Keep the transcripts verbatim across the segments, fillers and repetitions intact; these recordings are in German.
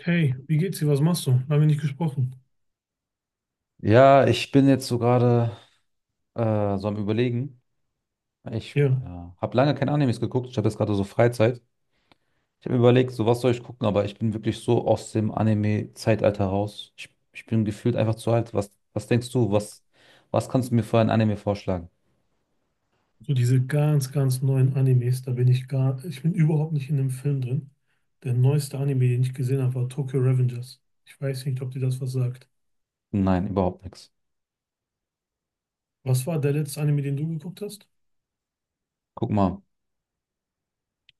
Hey, wie geht's dir? Was machst du? Lange nicht gesprochen. Ja, ich bin jetzt so gerade äh, so am Überlegen. Ich Ja, äh, habe lange keine Animes geguckt. Ich habe jetzt gerade so Freizeit. Ich habe mir überlegt, so was soll ich gucken, aber ich bin wirklich so aus dem Anime-Zeitalter raus. Ich, ich bin gefühlt einfach zu alt. Was, was denkst du? Was, was kannst du mir für ein Anime vorschlagen? so diese ganz, ganz neuen Animes, da bin ich gar, ich bin überhaupt nicht in dem Film drin. Der neueste Anime, den ich gesehen habe, war Tokyo Revengers. Ich weiß nicht, ob dir das was sagt. Nein, überhaupt nichts. Was war der letzte Anime, den du geguckt hast? Guck mal,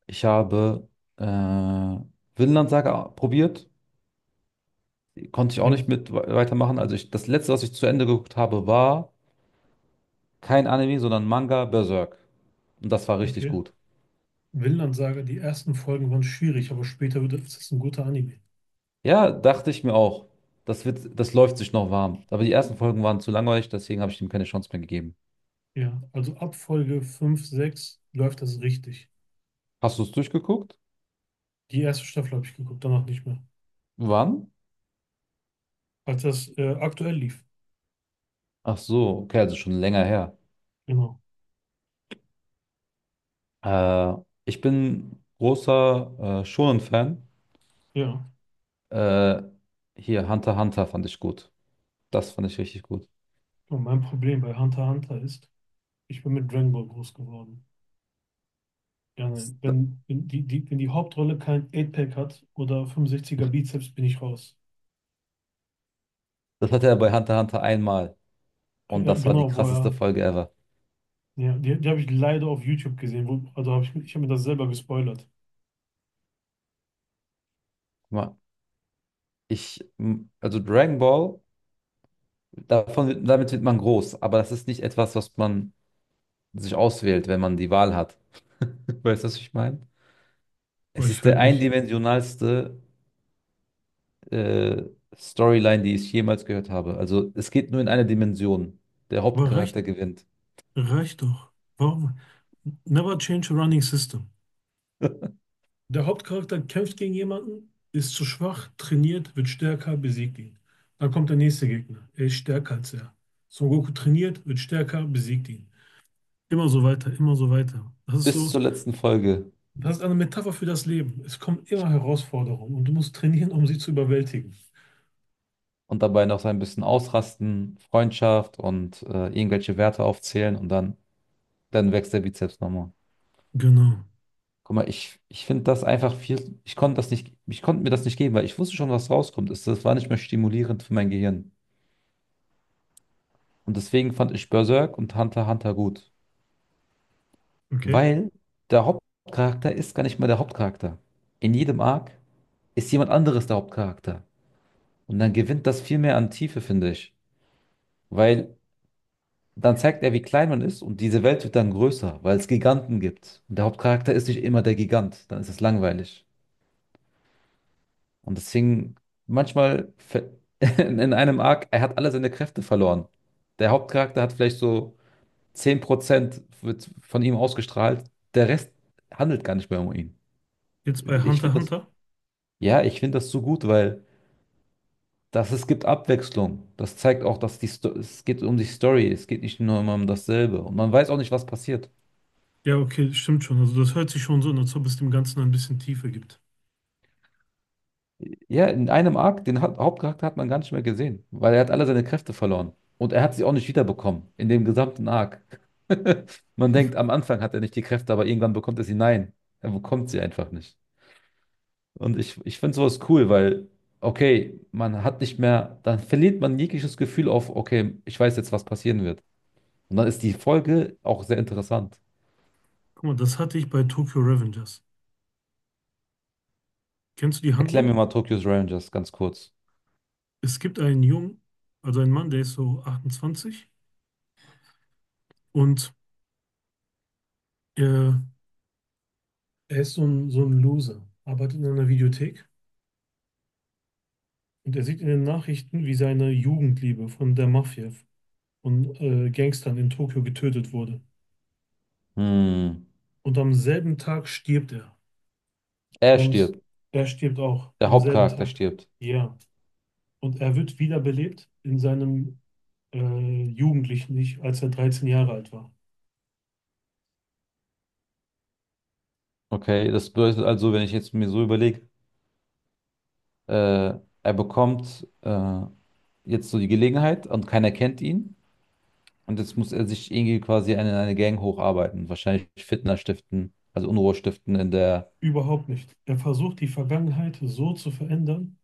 ich habe äh, Vinland Saga probiert. Konnte ich auch Ja, nicht mit we- weitermachen. Also ich, das letzte, was ich zu Ende geguckt habe, war kein Anime, sondern Manga Berserk. Und das war richtig okay. gut. Vinland Saga, die ersten Folgen waren schwierig, aber später wird es ist ein guter Anime. Ja, dachte ich mir auch. Das wird, das läuft sich noch warm. Aber die ersten Folgen waren zu langweilig, deswegen habe ich ihm keine Chance mehr gegeben. Ja, also ab Folge fünf, sechs läuft das richtig. Hast du es durchgeguckt? Die erste Staffel habe ich geguckt, danach nicht mehr. Wann? Als das äh, aktuell lief. Ach so, okay, also schon länger her. Genau. Äh, Ich bin großer äh, Shonen-Fan. Ja. Äh, Hier, Hunter x Hunter fand ich gut. Das fand ich richtig gut. Und mein Problem bei Hunter x Hunter ist, ich bin mit Dragon Ball groß geworden. Ja, Das, nein. Wenn, wenn, die, die, wenn die Hauptrolle kein acht-Pack hat oder fünfundsechziger Bizeps, bin ich raus. das hatte er bei Hunter x Hunter einmal. Und Ja, das war die genau, wo krasseste er. Folge ever. Ja, die, die habe ich leider auf YouTube gesehen. Wo, also habe ich, ich habe mir das selber gespoilert. Guck mal, ich, m- also Dragon Ball, davon, wird- damit wird man groß, aber das ist nicht etwas, was man sich auswählt, wenn man die Wahl hat. Weißt du, was ich meine? Aber Es ich ist würde der mich. eindimensionalste äh, Storyline, die ich jemals gehört habe. Also es geht nur in eine Dimension. Der Aber reicht, Hauptcharakter gewinnt. reicht doch. Warum? Never change a running system. Der Hauptcharakter kämpft gegen jemanden, ist zu schwach, trainiert, wird stärker, besiegt ihn. Dann kommt der nächste Gegner. Er ist stärker als er. Son Goku trainiert, wird stärker, besiegt ihn. Immer so weiter, immer so weiter. Das ist Bis so, zur letzten Folge. das ist eine Metapher für das Leben. Es kommen immer Herausforderungen und du musst trainieren, um sie zu überwältigen. Und dabei noch so ein bisschen ausrasten, Freundschaft und äh, irgendwelche Werte aufzählen und dann, dann wächst der Bizeps nochmal. Genau. Guck mal, ich, ich finde das einfach viel. Ich konnte das nicht, ich konnte mir das nicht geben, weil ich wusste schon, was rauskommt. Es, das war nicht mehr stimulierend für mein Gehirn. Und deswegen fand ich Berserk und Hunter x Hunter gut. Okay. Weil der Hauptcharakter ist gar nicht mehr der Hauptcharakter. In jedem Arc ist jemand anderes der Hauptcharakter. Und dann gewinnt das viel mehr an Tiefe, finde ich. Weil dann zeigt er, wie klein man ist und diese Welt wird dann größer, weil es Giganten gibt. Und der Hauptcharakter ist nicht immer der Gigant, dann ist es langweilig. Und deswegen manchmal ver- in einem Arc, er hat alle seine Kräfte verloren. Der Hauptcharakter hat vielleicht so zehn Prozent wird von ihm ausgestrahlt, der Rest handelt gar nicht mehr um ihn. Jetzt bei Ich Hunter x finde Hunter. Ja, ich finde das so gut, weil das, es gibt Abwechslung. Das zeigt auch, dass die Sto es geht um die Story. Es geht nicht nur immer um dasselbe. Und man weiß auch nicht, was passiert. Ja, okay, stimmt schon. Also das hört sich schon so an, als ob es dem Ganzen ein bisschen Tiefe gibt. Ja, in einem Arc, den Ha- Hauptcharakter hat man gar nicht mehr gesehen, weil er hat alle seine Kräfte verloren. Und er hat sie auch nicht wiederbekommen, in dem gesamten Arc. Man denkt, am Anfang hat er nicht die Kräfte, aber irgendwann bekommt er sie. Nein, er bekommt sie einfach nicht. Und ich, ich finde sowas cool, weil, okay, man hat nicht mehr, dann verliert man jegliches Gefühl auf, okay, ich weiß jetzt, was passieren wird. Und dann ist die Folge auch sehr interessant. Guck mal, das hatte ich bei Tokyo Revengers. Kennst du die Erklär mir Handlung? mal Tokyo's Revengers ganz kurz. Es gibt einen Jungen, also einen Mann, der ist so achtundzwanzig und äh, er ist so ein, so ein Loser, arbeitet in einer Videothek und er sieht in den Nachrichten, wie seine Jugendliebe von der Mafia, von äh, Gangstern in Tokio getötet wurde. Hm. Und am selben Tag stirbt er. Er Und stirbt. er stirbt auch Der am selben Hauptcharakter Tag. stirbt. Ja. Und er wird wiederbelebt in seinem äh, jugendlichen Ich, als er dreizehn Jahre alt war. Okay, das bedeutet also, wenn ich jetzt mir so überlege, äh, er bekommt äh, jetzt so die Gelegenheit und keiner kennt ihn. Und jetzt muss er sich irgendwie quasi in eine eine Gang hocharbeiten. Wahrscheinlich Fitner stiften, also Unruhe stiften in der. Überhaupt nicht. Er versucht, die Vergangenheit so zu verändern,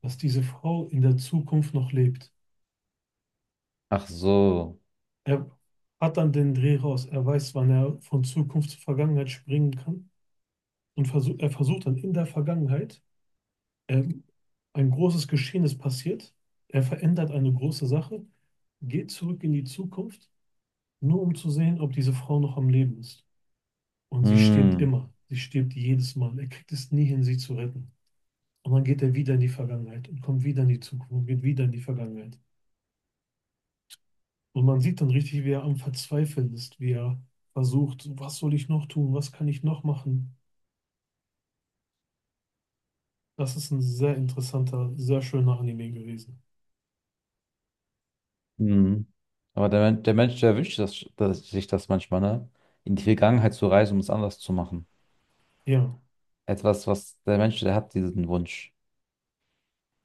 dass diese Frau in der Zukunft noch lebt. Ach so. Er hat dann den Dreh raus. Er weiß, wann er von Zukunft zur Vergangenheit springen kann. Und versuch, er versucht dann in der Vergangenheit, ähm, ein großes Geschehen ist passiert. Er verändert eine große Sache, geht zurück in die Zukunft, nur um zu sehen, ob diese Frau noch am Leben ist. Und sie stirbt Hm. immer. Sie stirbt jedes Mal. Er kriegt es nie hin, sie zu retten. Und dann geht er wieder in die Vergangenheit und kommt wieder in die Zukunft und geht wieder in die Vergangenheit. Und man sieht dann richtig, wie er am Verzweifeln ist, wie er versucht, was soll ich noch tun, was kann ich noch machen. Das ist ein sehr interessanter, sehr schöner Anime gewesen. Mhm. Aber der, Men- der Mensch, der wünscht das, dass, sich das manchmal, ne? In die Vergangenheit zu reisen, um es anders zu machen. Ja, Etwas, was der Mensch, der hat diesen Wunsch.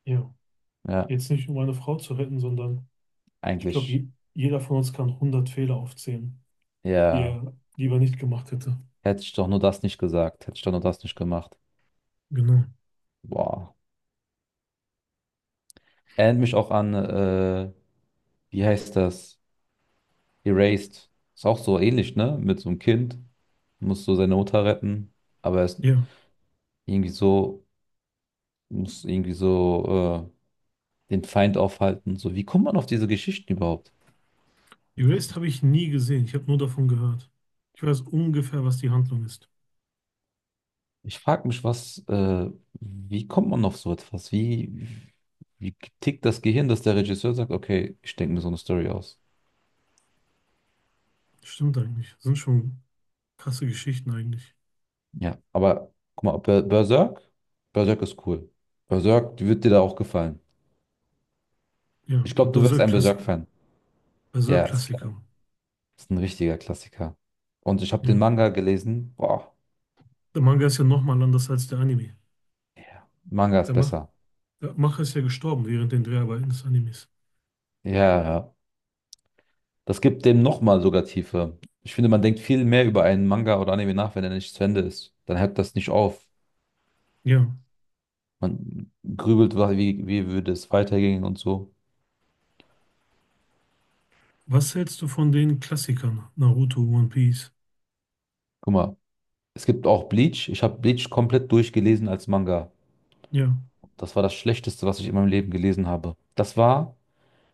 ja. Ja, Jetzt nicht um eine Frau zu retten, sondern ich glaube, eigentlich. je, jeder von uns kann hundert Fehler aufzählen, die Ja, er lieber nicht gemacht hätte. hätte ich doch nur das nicht gesagt. Hätte ich doch nur das nicht gemacht. Genau. Boah. Erinnert mich auch an, äh, wie heißt das? Erased. Ist auch so ähnlich, ne? Mit so einem Kind. Muss so seine Mutter retten. Aber er ist Ja. irgendwie so, muss irgendwie so, äh, den Feind aufhalten. So, wie kommt man auf diese Geschichten überhaupt? Erased habe ich nie gesehen. Ich habe nur davon gehört. Ich weiß ungefähr, was die Handlung ist. Ich frage mich, was, äh, wie kommt man auf so etwas? Wie, wie tickt das Gehirn, dass der Regisseur sagt, okay, ich denke mir so eine Story aus. Stimmt eigentlich. Sind schon krasse Geschichten eigentlich. Ja, aber guck mal, Ber- Berserk, Berserk ist cool. Berserk wird dir da auch gefallen. Ja, Ich glaube, du wärst ein Berserk-Klassiker. Berserk-Fan. Ja, ist klar. Berserk-Klassiker. Ist ein richtiger Klassiker. Und ich habe den Ja. Manga gelesen. Boah, Der Manga ist ja nochmal anders als der Anime. Manga ist Der, Mach besser. der Macher ist ja gestorben während den Dreharbeiten des Animes. Ja, ja. Das gibt dem nochmal sogar Tiefe. Ich finde, man denkt viel mehr über einen Manga oder Anime nach, wenn er nicht zu Ende ist. Dann hört das nicht auf. Ja. Man grübelt, wa- wie, wie würde es weitergehen und so. Was hältst du von den Klassikern? Naruto, One Piece? Guck mal, es gibt auch Bleach. Ich habe Bleach komplett durchgelesen als Manga. Ja. Das war das Schlechteste, was ich in meinem Leben gelesen habe. Das war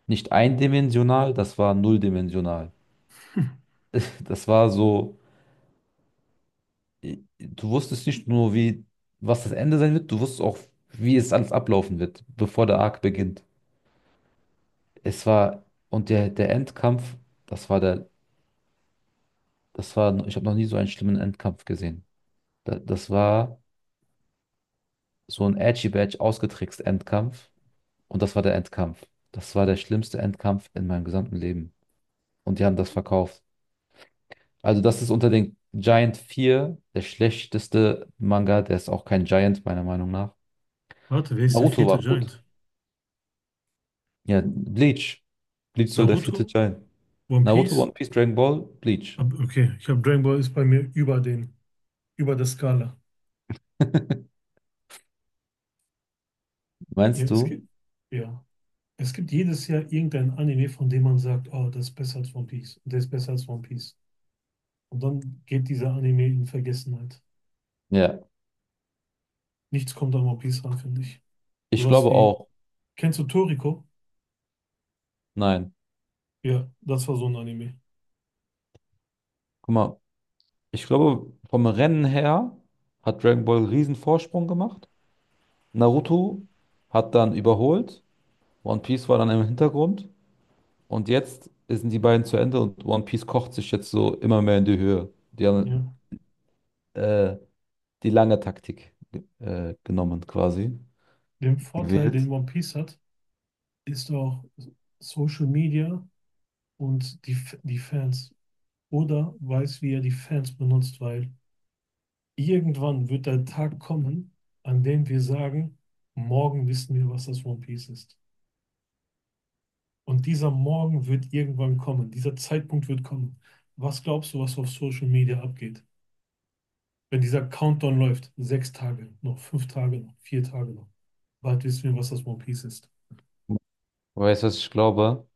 nicht eindimensional, das war nulldimensional. Das war so, äh, du wusstest nicht nur, wie, was das Ende sein wird, du wusstest auch, wie es alles ablaufen wird, bevor der Arc beginnt. Es war, und der, der Endkampf, das war der, das war, ich habe noch nie so einen schlimmen Endkampf gesehen. Da- Das war so ein Edgy Badge ausgetrickst Endkampf. Und das war der Endkampf. Das war der schlimmste Endkampf in meinem gesamten Leben. Und die haben das verkauft. Also, das ist unter den Giant vier der schlechteste Manga. Der ist auch kein Giant, meiner Meinung nach. Warte, wer ist der Naruto vierte war gut. Giant? Ja, Bleach. Bleach soll der vierte Naruto? Giant. One Naruto, Piece? One Piece, Dragon Ball, Bleach. Ab, okay, ich habe Dragon Ball ist bei mir über den, über der Skala. Ja, Meinst es du? gibt, ja. Es gibt jedes Jahr irgendein Anime, von dem man sagt, oh, das ist besser als One Piece. Der ist besser als One Piece. Und dann geht dieser Anime in Vergessenheit. Ja, Nichts kommt an One Piece ran, finde ich. ich Sowas glaube wie auch. Kennst du Toriko? Nein. Ja, das war so ein Anime. Guck mal, ich glaube, vom Rennen her hat Dragon Ball einen riesen Vorsprung gemacht. Naruto hat dann überholt, One Piece war dann im Hintergrund und jetzt sind die beiden zu Ende und One Piece kocht sich jetzt so immer mehr in die Höhe. Die haben Ja. äh, die lange Taktik äh, genommen quasi, Den Vorteil, den gewählt. One Piece hat, ist auch Social Media und die, F- die Fans. Oda weiß, wie er die Fans benutzt, weil irgendwann wird der Tag kommen, an dem wir sagen, morgen wissen wir, was das One Piece ist. Und dieser Morgen wird irgendwann kommen, dieser Zeitpunkt wird kommen. Was glaubst du, was auf Social Media abgeht? Wenn dieser Countdown läuft, sechs Tage noch, fünf Tage noch, vier Tage noch, bald wissen wir, was das One Piece ist. Weißt du, was ich glaube?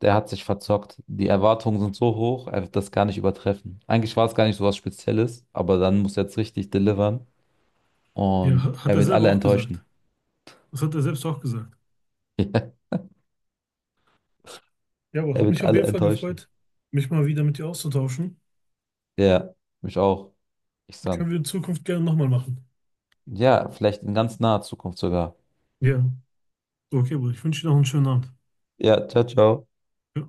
Der hat sich verzockt. Die Erwartungen sind so hoch, er wird das gar nicht übertreffen. Eigentlich war es gar nicht so was Spezielles, aber dann muss er jetzt richtig delivern Ja, und hat er er wird selber alle auch gesagt. enttäuschen. Das hat er selbst auch gesagt. Ja, Ja, aber er hat wird mich auf alle jeden Fall enttäuschen. gefreut, mich mal wieder mit dir auszutauschen. Ja, mich auch. Ich sag. Können wir in Zukunft gerne nochmal machen. Ja, vielleicht in ganz naher Zukunft sogar. Ja. Okay, Bruder, ich wünsche dir noch einen schönen Abend. Ja, ciao, ciao. Ja.